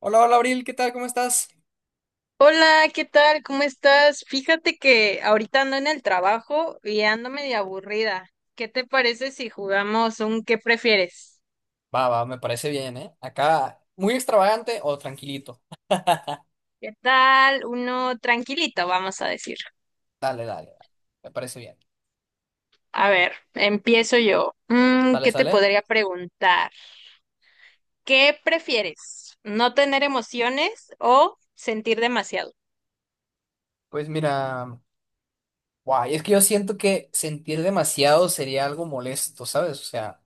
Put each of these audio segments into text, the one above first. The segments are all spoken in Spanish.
Hola, hola, Abril, ¿qué tal? ¿Cómo estás? Hola, ¿qué tal? ¿Cómo estás? Fíjate que ahorita ando en el trabajo y ando medio aburrida. ¿Qué te parece si jugamos un qué prefieres? Va, va, me parece bien, ¿eh? Acá, muy extravagante o tranquilito. Dale, ¿Qué tal? Uno tranquilito, vamos a decir. dale, dale. Me parece bien. A ver, empiezo yo. Sale, ¿Qué te sale. podría preguntar? ¿Qué prefieres? ¿No tener emociones o sentir demasiado? Pues mira, guay, es que yo siento que sentir demasiado sería algo molesto, ¿sabes? O sea,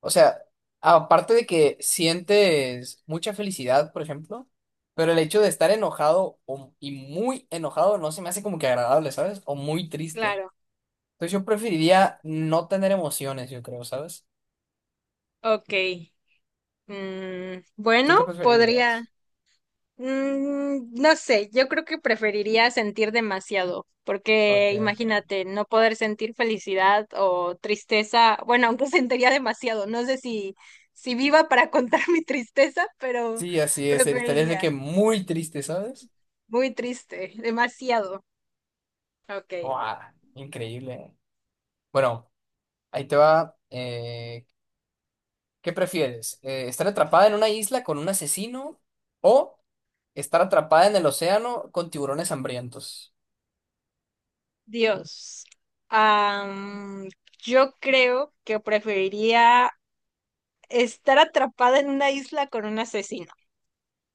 o sea, aparte de que sientes mucha felicidad, por ejemplo, pero el hecho de estar y muy enojado no se me hace como que agradable, ¿sabes? O muy triste. Claro, Entonces yo preferiría no tener emociones, yo creo, ¿sabes? ok. ¿Tú Bueno, qué preferirías? podría. No sé, yo creo que preferiría sentir demasiado, Ok, porque ok. imagínate, no poder sentir felicidad o tristeza, bueno, aunque sentiría demasiado, no sé si, si viva para contar mi tristeza, pero Sí, así es. Estarías de que preferiría. muy triste, ¿sabes? Muy triste, demasiado. Ok, Guau, increíble. Bueno, ahí te va. ¿Qué prefieres? ¿Estar atrapada en una isla con un asesino o estar atrapada en el océano con tiburones hambrientos? Dios. Am, yo creo que preferiría estar atrapada en una isla con un asesino.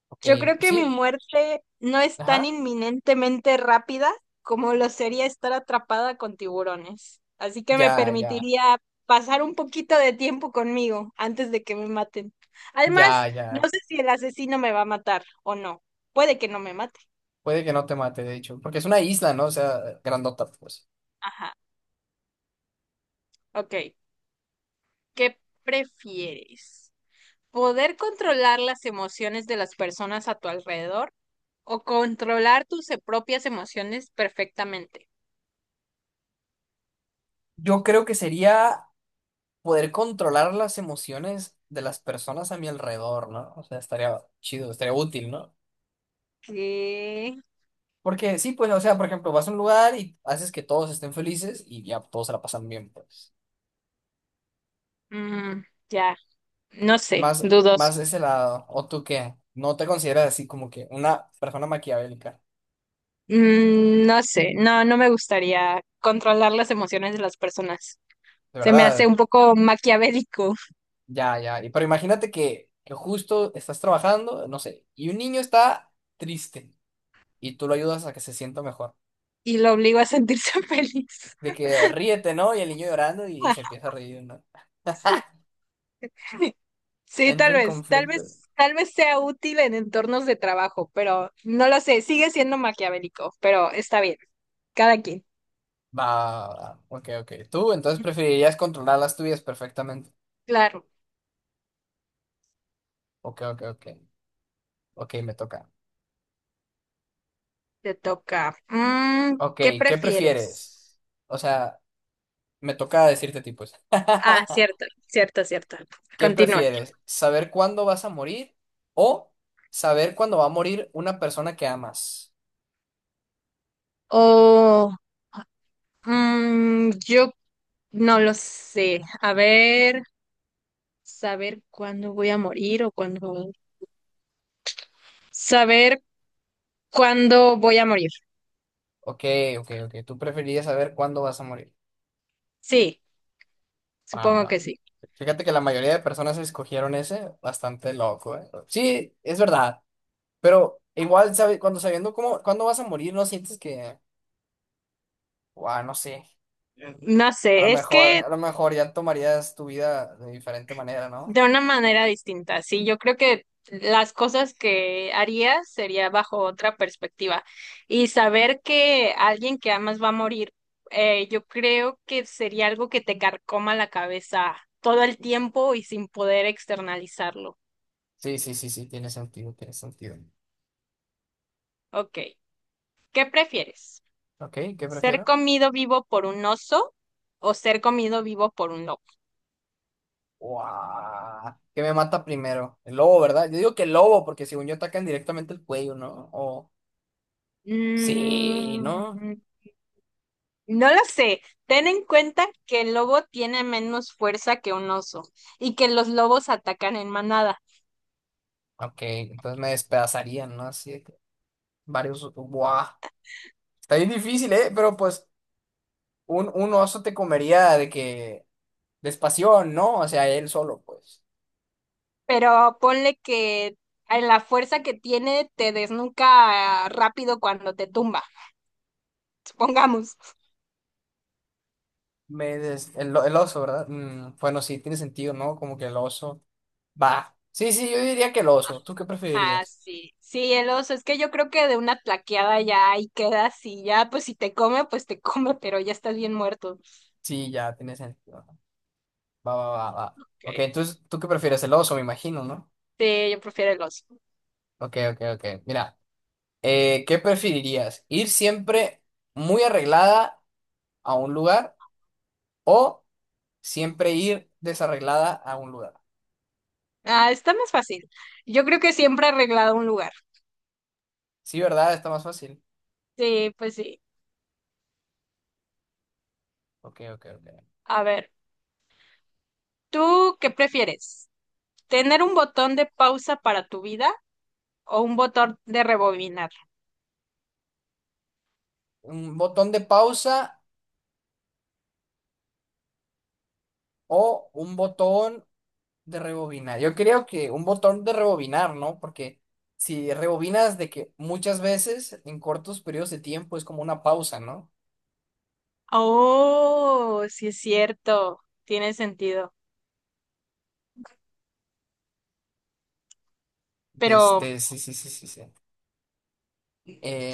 Ok, Yo creo pues que mi sí. muerte no es tan Ajá. inminentemente rápida como lo sería estar atrapada con tiburones. Así que me Ya, ya. permitiría pasar un poquito de tiempo conmigo antes de que me maten. Además, Ya, no ya. sé si el asesino me va a matar o no. Puede que no me mate. Puede que no te mate, de hecho. Porque es una isla, ¿no? O sea, grandota, pues. Ajá, ok. ¿Qué prefieres? ¿Poder controlar las emociones de las personas a tu alrededor o controlar tus propias emociones perfectamente? Yo creo que sería poder controlar las emociones de las personas a mi alrededor, ¿no? O sea, estaría chido, estaría útil, ¿no? ¿Qué? Porque sí, pues, o sea, por ejemplo, vas a un lugar y haces que todos estén felices y ya todos se la pasan bien, pues. Mm, ya, no sé, Más, dudos. más ese lado. ¿O tú qué? No te consideras así como que una persona maquiavélica. No sé, no me gustaría controlar las emociones de las personas. De Se me hace verdad, un poco maquiavélico ya, ya. Y pero imagínate que justo estás trabajando, no sé, y un niño está triste y tú lo ayudas a que se sienta mejor. y lo obligo a sentirse feliz. De que ríete, ¿no? Y el niño llorando y se empieza a reír, ¿no? Sí, Entra en conflicto. Tal vez sea útil en entornos de trabajo, pero no lo sé, sigue siendo maquiavélico, pero está bien, cada quien. Va, va, va. Ok, ok. Tú entonces preferirías controlar las tuyas perfectamente. Claro, Ok, ok, ok. Ok, me toca. te toca. Ok, ¿Qué ¿qué prefieres? prefieres? O sea, me toca decirte tipos. Ah, cierto, cierto, cierto. ¿Qué Continúa. prefieres? ¿Saber cuándo vas a morir o saber cuándo va a morir una persona que amas? Oh. Yo no lo sé. A ver, saber cuándo voy a morir o cuándo... Saber cuándo voy a morir. Ok, ok, ok. Tú preferirías saber cuándo vas a morir. Sí, Va, va, supongo que va. sí. Fíjate que la mayoría de personas escogieron ese, bastante loco, ¿eh? Sí, es verdad. Pero igual, sabe, cuando sabiendo cómo, cuándo vas a morir, no sientes que, wow, no sé, No sé, es que a lo mejor ya tomarías tu vida de diferente manera, ¿no? de una manera distinta, sí. Yo creo que las cosas que haría sería bajo otra perspectiva. Y saber que alguien que amas va a morir, yo creo que sería algo que te carcoma la cabeza todo el tiempo y sin poder externalizarlo. Sí, sí, sí, sí, tiene sentido, tiene sentido. Ok. ¿Qué prefieres? Ok, ¿qué ¿Ser prefiero? comido vivo por un oso o ser comido vivo por un lobo? Wow, ¿qué me mata primero? El lobo, ¿verdad? Yo digo que el lobo, porque según yo atacan directamente el cuello, ¿no? O sí, ¿no? Mm, no lo sé. Ten en cuenta que el lobo tiene menos fuerza que un oso y que los lobos atacan en manada. Ok, entonces me despedazarían, ¿no? Así de que varios, wow. Está bien difícil, ¿eh? Pero pues un oso te comería de que despasión, ¿no? O sea, él solo, pues. Pero ponle que a la fuerza que tiene te desnuca rápido cuando te tumba, supongamos. El oso, ¿verdad? Mm, bueno, sí, tiene sentido, ¿no? Como que el oso. Va. Sí, sí, yo diría que el oso. ¿Tú qué Ah, preferirías? sí, sí, el oso, es que yo creo que de una tlaqueada ya ahí quedas y ya, pues si te come, pues te come, pero ya estás bien muerto. Sí, ya, tiene sentido. Va, va, va, va. Ok. Ok, entonces, ¿tú qué prefieres? El oso, me imagino, ¿no? Sí, yo prefiero el oso. Ok, ok, ok. Mira, ¿qué preferirías? ¿Ir siempre muy arreglada a un lugar o siempre ir desarreglada a un lugar? Ah, está más fácil. Yo creo que siempre he arreglado un lugar. Sí, ¿verdad? Está más fácil. Sí, pues sí. Ok, ok, ok. A ver, ¿tú qué prefieres? ¿Tener un botón de pausa para tu vida o un botón de rebobinar? Un botón de pausa o un botón de rebobinar. Yo creo que un botón de rebobinar, ¿no? Porque si rebobinas de que muchas veces en cortos periodos de tiempo es como una pausa, ¿no? Oh, sí es cierto. Tiene sentido. De Pero este, sí, sí, sí, sí, sí.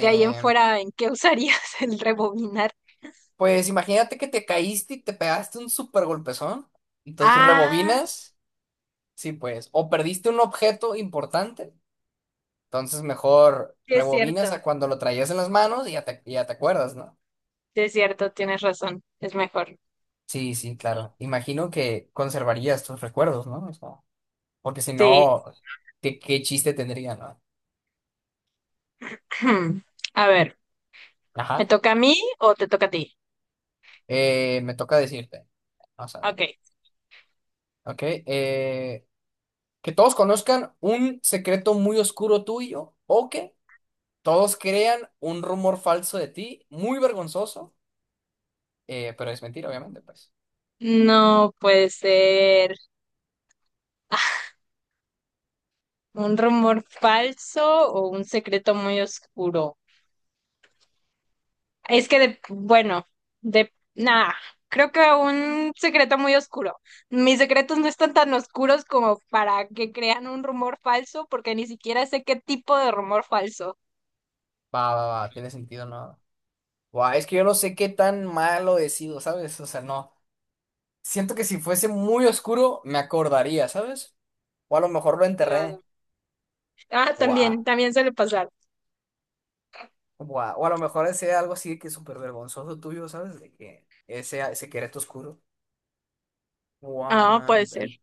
de ahí en fuera, ¿en qué usarías el rebobinar? pues imagínate que te caíste y te pegaste un súper golpezón. Entonces Ah, rebobinas, sí, pues. O perdiste un objeto importante. Entonces mejor sí es rebobinas cierto. a cuando lo traías en las manos y ya te acuerdas, ¿no? Sí es cierto, tienes razón. Es mejor. Sí, sí, claro. Imagino que conservarías tus recuerdos, ¿no? O sea, porque si Sí. no, ¿qué chiste tendría, no? A ver, ¿me Ajá. toca a mí o te toca a ti? Me toca decirte. Vamos a ver. Ok. Ok. Que todos conozcan un secreto muy oscuro tuyo o que todos crean un rumor falso de ti, muy vergonzoso, pero es mentira, obviamente, pues. No puede ser un rumor falso o un secreto muy oscuro. Es que, de, bueno, de nada, creo que un secreto muy oscuro. Mis secretos no están tan oscuros como para que crean un rumor falso, porque ni siquiera sé qué tipo de rumor falso. Va, va, va, tiene sentido, ¿no? Guau, es que yo no sé qué tan malo he sido, ¿sabes? O sea, no. Siento que si fuese muy oscuro, me acordaría, ¿sabes? O a lo mejor lo enterré. Claro. Ah, Guau, también, también suele pasar. guau. O a lo mejor ese algo así que es súper vergonzoso tuyo, ¿sabes? De que ese secreto oscuro. Ah, Guau. puede ser.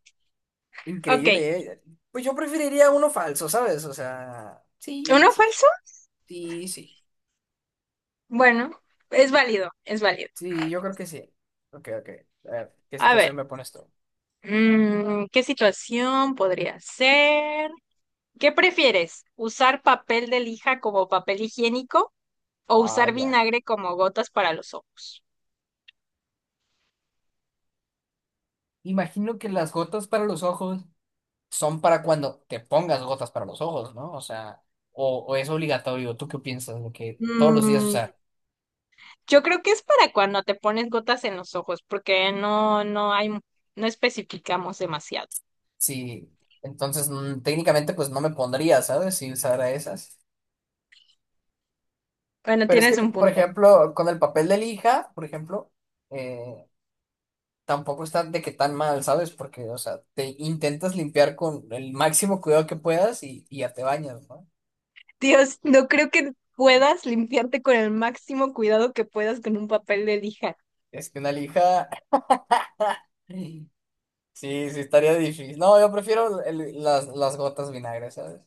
Ok, Increíble, ¿eh? Pues yo preferiría uno falso, ¿sabes? O sea, sí, ¿uno sí, falso? sí, sí. Bueno, es válido, es válido. Sí, yo creo que sí. Ok, ok. A ver, ¿qué A ver, situación me pones tú? ¿Qué situación podría ser? ¿Qué prefieres? ¿Usar papel de lija como papel higiénico o usar Vaya. vinagre como gotas para los ojos? Imagino que las gotas para los ojos son para cuando te pongas gotas para los ojos, ¿no? O sea, o es obligatorio, ¿tú qué piensas? De que todos los días Mm, usar. yo creo que es para cuando te pones gotas en los ojos, porque no hay, no especificamos demasiado. Sí, entonces técnicamente pues no me pondría, ¿sabes? Si usara esas. Bueno, Pero es que, tienes un por punto. ejemplo, con el papel de lija, por ejemplo, eh, tampoco está de que tan mal, ¿sabes? Porque, o sea, te intentas limpiar con el máximo cuidado que puedas y ya te bañas, ¿no? Dios, no creo que puedas limpiarte con el máximo cuidado que puedas con un papel de lija. Es que una lija, sí, sí estaría difícil. No, yo prefiero las gotas vinagre, ¿sabes?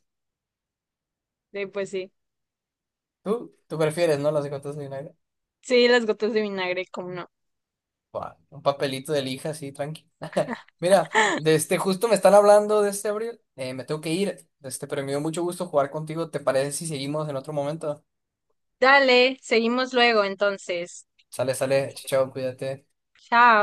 Sí, pues sí. ¿Tú, tú prefieres, no? Las los de United. Sí, las gotas de vinagre, como no. Buah, un papelito de lija, así, tranqui. Mira, de este, justo me están hablando de este Abril. Me tengo que ir. De este, pero me dio mucho gusto jugar contigo. ¿Te parece si seguimos en otro momento? Dale, seguimos luego entonces. Sale, sale. Chao, chao, cuídate. Chao.